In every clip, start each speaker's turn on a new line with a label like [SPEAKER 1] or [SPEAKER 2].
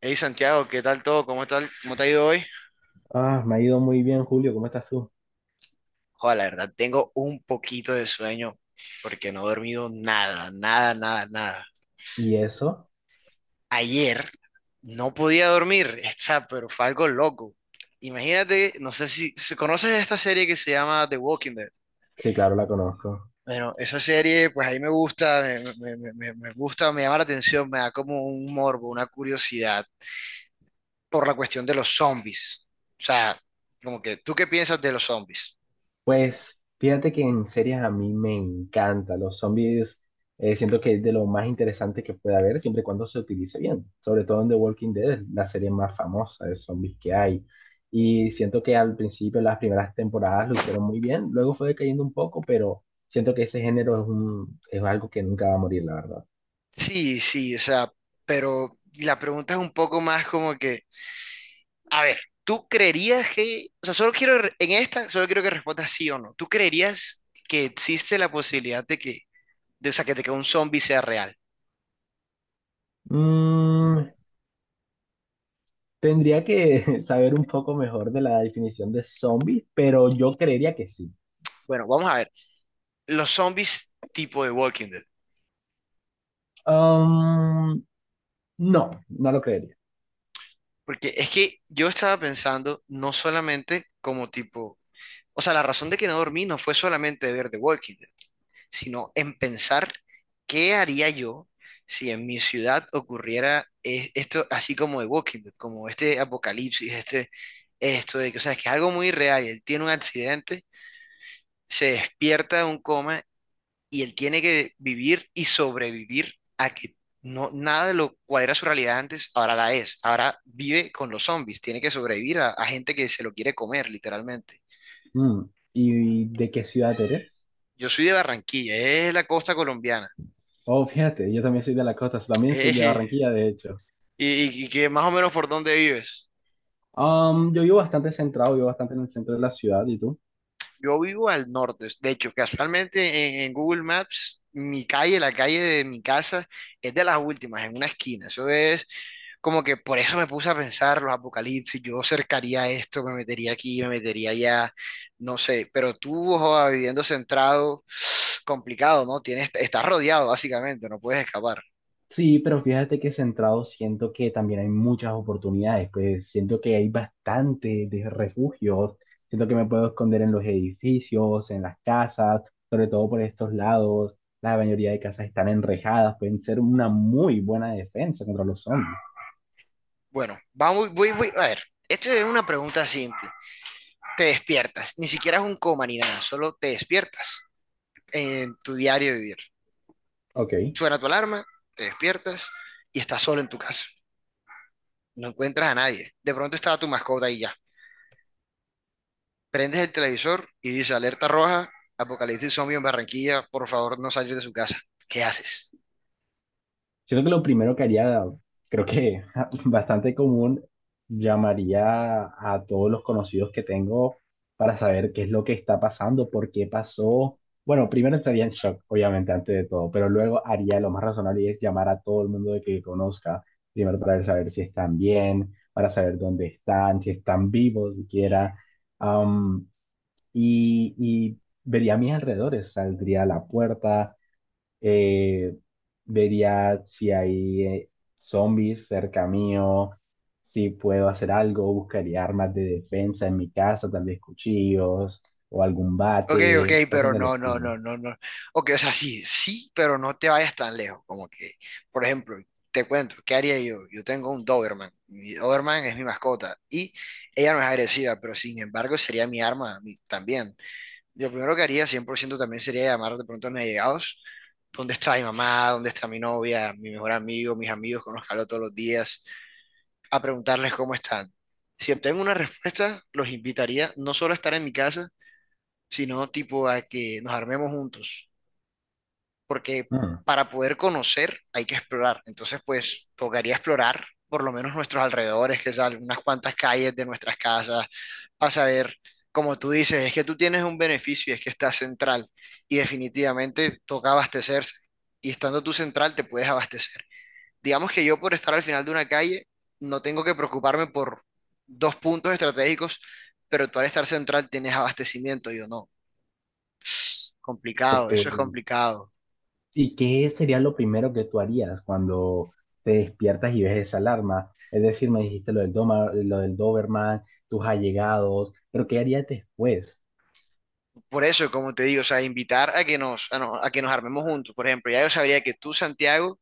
[SPEAKER 1] Hey Santiago, ¿qué tal todo? ¿Cómo tal? ¿Cómo te ha ido hoy?
[SPEAKER 2] Ah, me ha ido muy bien, Julio. ¿Cómo estás tú?
[SPEAKER 1] Joder, la verdad, tengo un poquito de sueño porque no he dormido nada, nada, nada, nada.
[SPEAKER 2] ¿Y eso?
[SPEAKER 1] Ayer no podía dormir, o sea, pero fue algo loco. Imagínate, no sé si conoces esta serie que se llama The Walking Dead.
[SPEAKER 2] Sí, claro, la conozco.
[SPEAKER 1] Bueno, esa serie, pues ahí me gusta, me gusta, me llama la atención, me da como un morbo, una curiosidad por la cuestión de los zombies. O sea, como que, ¿tú qué piensas de los zombies?
[SPEAKER 2] Pues fíjate que en series a mí me encanta. Los zombies siento que es de lo más interesante que puede haber, siempre y cuando se utilice bien. Sobre todo en The Walking Dead, es la serie más famosa de zombies que hay. Y siento que al principio, las primeras temporadas lo hicieron muy bien. Luego fue decayendo un poco, pero siento que ese género es algo que nunca va a morir, la verdad.
[SPEAKER 1] Sí, sí, o sea, pero la pregunta es un poco más como que, a ver, ¿tú creerías que, o sea, solo quiero, re- en esta, solo quiero que respondas sí o no? ¿Tú creerías que existe la posibilidad de que, o sea, de que un zombie sea real?
[SPEAKER 2] Mm. Tendría que saber un poco mejor de la definición de zombie, pero yo creería que sí.
[SPEAKER 1] Bueno, vamos a ver, los zombies tipo de Walking Dead,
[SPEAKER 2] Um, no, no lo creería.
[SPEAKER 1] porque es que yo estaba pensando no solamente como tipo, o sea, la razón de que no dormí no fue solamente ver The Walking Dead, sino en pensar qué haría yo si en mi ciudad ocurriera esto, así como de Walking Dead, como este apocalipsis, esto de que, o sea, es que es algo muy real. Y él tiene un accidente, se despierta de un coma y él tiene que vivir y sobrevivir a que no, nada de lo cual era su realidad antes, ahora la es. Ahora vive con los zombies, tiene que sobrevivir a, gente que se lo quiere comer, literalmente.
[SPEAKER 2] Mm. ¿Y de qué ciudad eres?
[SPEAKER 1] Yo soy de Barranquilla, es la costa colombiana.
[SPEAKER 2] Oh, fíjate, yo también soy de la costa, también soy de Barranquilla, de hecho.
[SPEAKER 1] Y que más o menos por dónde vives?
[SPEAKER 2] Yo vivo bastante centrado, vivo bastante en el centro de la ciudad, ¿y tú?
[SPEAKER 1] Yo vivo al norte. De hecho, casualmente en, Google Maps, mi calle, la calle de mi casa, es de las últimas, en una esquina. Eso es como que por eso me puse a pensar los apocalipsis. Yo cercaría esto, me metería aquí, me metería allá. No sé, pero tú, joda, viviendo centrado, complicado, ¿no? Tienes, estás rodeado, básicamente, no puedes escapar.
[SPEAKER 2] Sí, pero fíjate que centrado siento que también hay muchas oportunidades, pues siento que hay bastante de refugios, siento que me puedo esconder en los edificios, en las casas, sobre todo por estos lados, la mayoría de casas están enrejadas, pueden ser una muy buena defensa contra los zombies.
[SPEAKER 1] Bueno, vamos, a ver. Esto es una pregunta simple. Te despiertas, ni siquiera es un coma ni nada, solo te despiertas, en tu diario vivir.
[SPEAKER 2] Ok.
[SPEAKER 1] Suena tu alarma, te despiertas y estás solo en tu casa. No encuentras a nadie. De pronto estaba tu mascota y ya. Prendes el televisor y dice alerta roja, apocalipsis zombie en Barranquilla, por favor no salgas de su casa. ¿Qué haces?
[SPEAKER 2] Siento que lo primero que haría, creo que bastante común, llamaría a todos los conocidos que tengo para saber qué es lo que está pasando, por qué pasó. Bueno, primero estaría en shock, obviamente, antes de todo, pero luego haría lo más razonable y es llamar a todo el mundo de que conozca, primero para saber si están bien, para saber dónde están, si están vivos siquiera. Am, y vería a mis alrededores, saldría a la puerta eh, vería si hay zombies cerca mío, si puedo hacer algo, buscaría armas de defensa en mi casa, tal vez cuchillos o algún
[SPEAKER 1] Ok, ok,
[SPEAKER 2] bate, cosas
[SPEAKER 1] pero
[SPEAKER 2] del
[SPEAKER 1] no, no,
[SPEAKER 2] estilo.
[SPEAKER 1] no, no, no. Ok, o sea, sí, sí, pero no te vayas tan lejos. Como que, por ejemplo, te cuento, ¿qué haría yo? Yo tengo un Doberman. Mi Doberman es mi mascota y ella no es agresiva, pero sin embargo sería mi arma a mí también. Yo primero que haría 100% también sería llamar de pronto a mis allegados. ¿Dónde está mi mamá? ¿Dónde está mi novia? Mi mejor amigo, mis amigos con los que hablo todos los días, a preguntarles cómo están. Si obtengo una respuesta, los invitaría no solo a estar en mi casa, sino tipo a que nos armemos juntos, porque
[SPEAKER 2] Mm,
[SPEAKER 1] para poder conocer hay que explorar. Entonces, pues, tocaría explorar por lo menos nuestros alrededores, que son unas cuantas calles de nuestras casas, para saber, como tú dices, es que tú tienes un beneficio y es que estás central y definitivamente toca abastecerse. Y estando tú central te puedes abastecer. Digamos que yo por estar al final de una calle no tengo que preocuparme por dos puntos estratégicos, pero tú al estar central tienes abastecimiento, yo no. Complicado,
[SPEAKER 2] ok.
[SPEAKER 1] eso es complicado.
[SPEAKER 2] ¿Y qué sería lo primero que tú harías cuando te despiertas y ves esa alarma? Es decir, me dijiste lo del lo del Doberman, tus allegados, pero ¿qué harías después?
[SPEAKER 1] Por eso, como te digo, o sea, invitar a que nos, a, no- a que nos armemos juntos. Por ejemplo, ya yo sabría que tú, Santiago,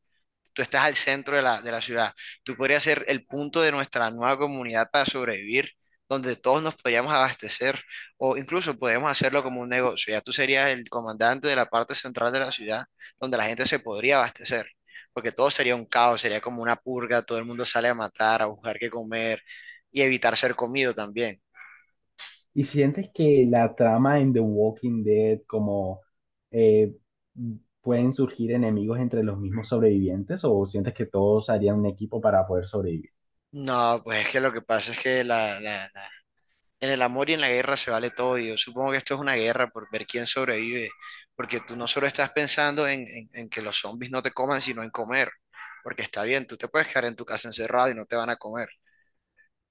[SPEAKER 1] tú estás al centro de la, ciudad. Tú podrías ser el punto de nuestra nueva comunidad para sobrevivir, donde todos nos podríamos abastecer. O incluso podemos hacerlo como un negocio. Ya tú serías el comandante de la parte central de la ciudad, donde la gente se podría abastecer. Porque todo sería un caos, sería como una purga, todo el mundo sale a matar, a buscar qué comer y evitar ser comido también.
[SPEAKER 2] ¿Y sientes que la trama en The Walking Dead, como eh, pueden surgir enemigos entre los mismos sobrevivientes, o sientes que todos harían un equipo para poder sobrevivir?
[SPEAKER 1] No, pues es que lo que pasa es que en el amor y en la guerra se vale todo. Y yo supongo que esto es una guerra por ver quién sobrevive, porque tú no solo estás pensando en, que los zombies no te coman, sino en comer. Porque está bien, tú te puedes quedar en tu casa encerrado y no te van a comer.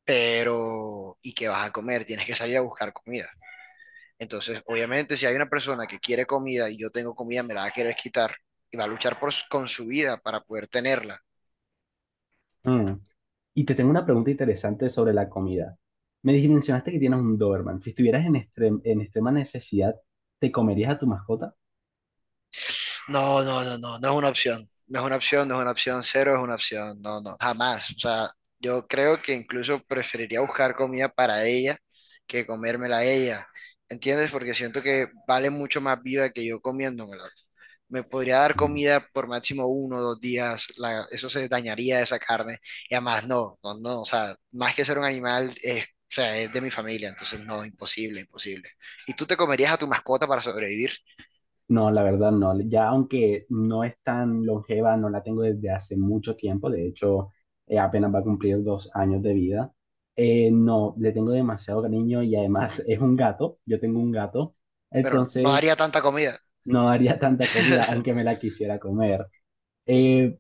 [SPEAKER 1] Pero, ¿y qué vas a comer? Tienes que salir a buscar comida. Entonces, obviamente, si hay una persona que quiere comida y yo tengo comida, me la va a querer quitar y va a luchar con su vida para poder tenerla.
[SPEAKER 2] Mm. Y te tengo una pregunta interesante sobre la comida. Mencionaste que tienes un Doberman. Si estuvieras en extrema necesidad, ¿te comerías a tu mascota?
[SPEAKER 1] No, no, no, no, no es una opción. No es una opción, no es una opción, cero es una opción. No, no, jamás. O sea, yo creo que incluso preferiría buscar comida para ella que comérmela a ella. ¿Entiendes? Porque siento que vale mucho más vida que yo comiéndomela. Me podría dar comida por máximo uno o dos días, eso se dañaría esa carne. Y además, no, no, no, o sea, más que ser un animal, es, o sea, es de mi familia, entonces no, imposible, imposible. ¿Y tú te comerías a tu mascota para sobrevivir?
[SPEAKER 2] No, la verdad no. Ya aunque no es tan longeva, no la tengo desde hace mucho tiempo. De hecho, apenas va a cumplir 2 años de vida. No, le tengo demasiado cariño y además es un gato. Yo tengo un gato.
[SPEAKER 1] Pero no
[SPEAKER 2] Entonces,
[SPEAKER 1] daría tanta comida.
[SPEAKER 2] no haría tanta comida, aunque me la quisiera comer. Eh,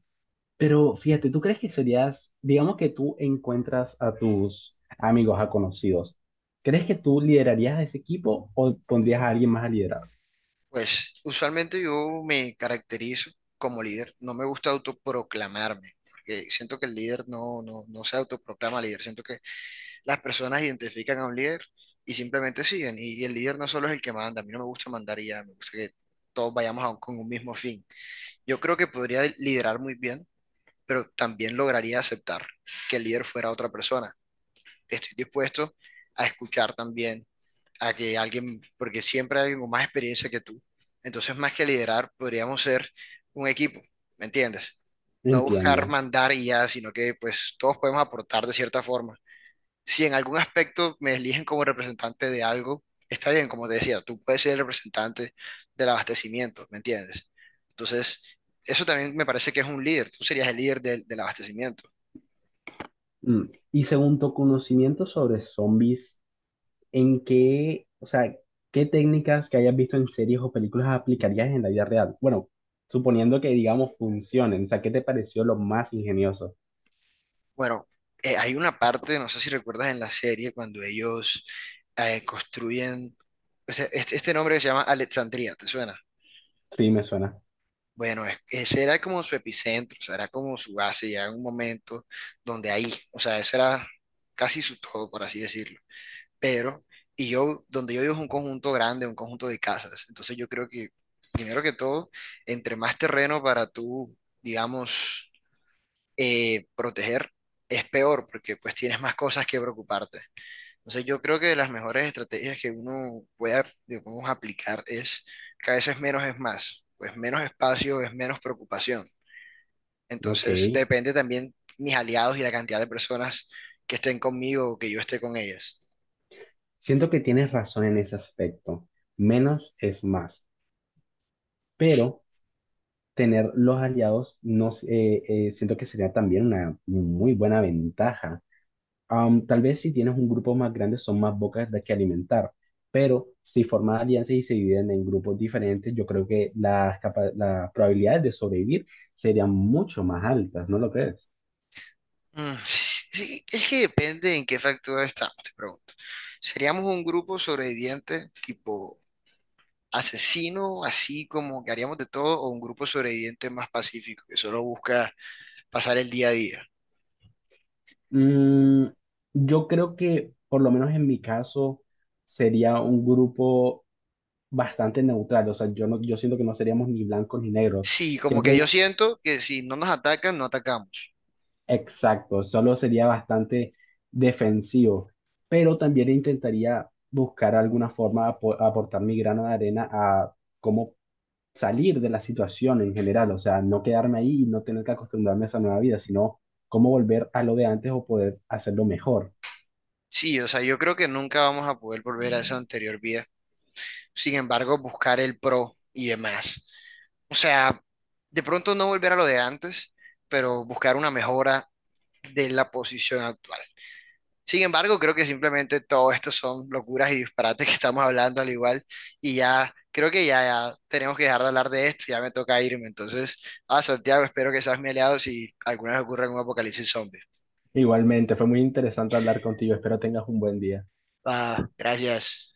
[SPEAKER 2] pero fíjate, ¿tú crees que serías, digamos que tú encuentras a tus amigos, a conocidos? ¿Crees que tú liderarías ese equipo o pondrías a alguien más a liderar?
[SPEAKER 1] Pues usualmente yo me caracterizo como líder, no me gusta autoproclamarme, porque siento que el líder no, no, no se autoproclama líder, siento que las personas identifican a un líder y simplemente siguen, y el líder no solo es el que manda, a mí no me gusta mandar y ya, me gusta que todos vayamos con un mismo fin. Yo creo que podría liderar muy bien, pero también lograría aceptar que el líder fuera otra persona. Estoy dispuesto a escuchar también a que alguien, porque siempre hay alguien con más experiencia que tú. Entonces, más que liderar, podríamos ser un equipo, ¿me entiendes?
[SPEAKER 2] No
[SPEAKER 1] No buscar
[SPEAKER 2] entiendo.
[SPEAKER 1] mandar y ya, sino que pues todos podemos aportar de cierta forma. Si en algún aspecto me eligen como representante de algo, está bien, como te decía, tú puedes ser el representante del abastecimiento, ¿me entiendes? Entonces, eso también me parece que es un líder, tú serías el líder del, abastecimiento.
[SPEAKER 2] Mm. Y según tu conocimiento sobre zombies, o sea, ¿qué técnicas que hayas visto en series o películas aplicarías en la vida real? Bueno, suponiendo que, digamos, funcionen, o sea, ¿qué te pareció lo más ingenioso?
[SPEAKER 1] Bueno, hay una parte, no sé si recuerdas en la serie, cuando ellos construyen, o sea, este nombre que se llama Alexandria, ¿te suena?
[SPEAKER 2] Sí, me suena.
[SPEAKER 1] Bueno, ese era como su epicentro, o sea, era como su base, ya en un momento donde ahí, o sea, ese era casi su todo, por así decirlo. Pero, y yo, donde yo vivo es un conjunto grande, un conjunto de casas, entonces yo creo que, primero que todo, entre más terreno para tú, digamos, proteger es peor porque pues tienes más cosas que preocuparte. Entonces yo creo que de las mejores estrategias que uno pueda, digamos, aplicar es que a veces menos es más, pues menos espacio es menos preocupación.
[SPEAKER 2] Ok.
[SPEAKER 1] Entonces depende también mis aliados y la cantidad de personas que estén conmigo o que yo esté con ellas.
[SPEAKER 2] Siento que tienes razón en ese aspecto. Menos es más. Pero tener los aliados, no, s- siento que sería también una muy buena ventaja. Tal vez si tienes un grupo más grande son más bocas de que alimentar, pero si forman alianzas y se dividen en grupos diferentes, yo creo que las probabilidades de sobrevivir serían mucho más altas, ¿no lo crees?
[SPEAKER 1] Mm, sí, sí, es que depende en qué factor estamos, te pregunto. ¿Seríamos un grupo sobreviviente tipo asesino, así como que haríamos de todo, o un grupo sobreviviente más pacífico, que solo busca pasar el día a día?
[SPEAKER 2] Mm, yo creo que, por lo menos en mi caso, sería un grupo bastante neutral. O sea, yo siento que no seríamos ni blancos ni negros.
[SPEAKER 1] Sí, como
[SPEAKER 2] Siempre.
[SPEAKER 1] que yo siento que si no nos atacan, no atacamos.
[SPEAKER 2] Exacto, solo sería bastante defensivo, pero también intentaría buscar alguna forma de aportar mi grano de arena a cómo salir de la situación en general, o sea, no quedarme ahí y no tener que acostumbrarme a esa nueva vida, sino cómo volver a lo de antes o poder hacerlo mejor.
[SPEAKER 1] Sí, o sea, yo creo que nunca vamos a poder volver a esa anterior vida. Sin embargo, buscar el pro y demás. O sea, de pronto no volver a lo de antes, pero buscar una mejora de la posición actual. Sin embargo, creo que simplemente todo esto son locuras y disparates que estamos hablando al igual y ya creo que ya, tenemos que dejar de hablar de esto, ya me toca irme. Entonces, Santiago, espero que seas mi aliado si alguna vez ocurre un apocalipsis zombie.
[SPEAKER 2] Igualmente, fue muy interesante hablar contigo, espero tengas un buen día.
[SPEAKER 1] Ah, gracias.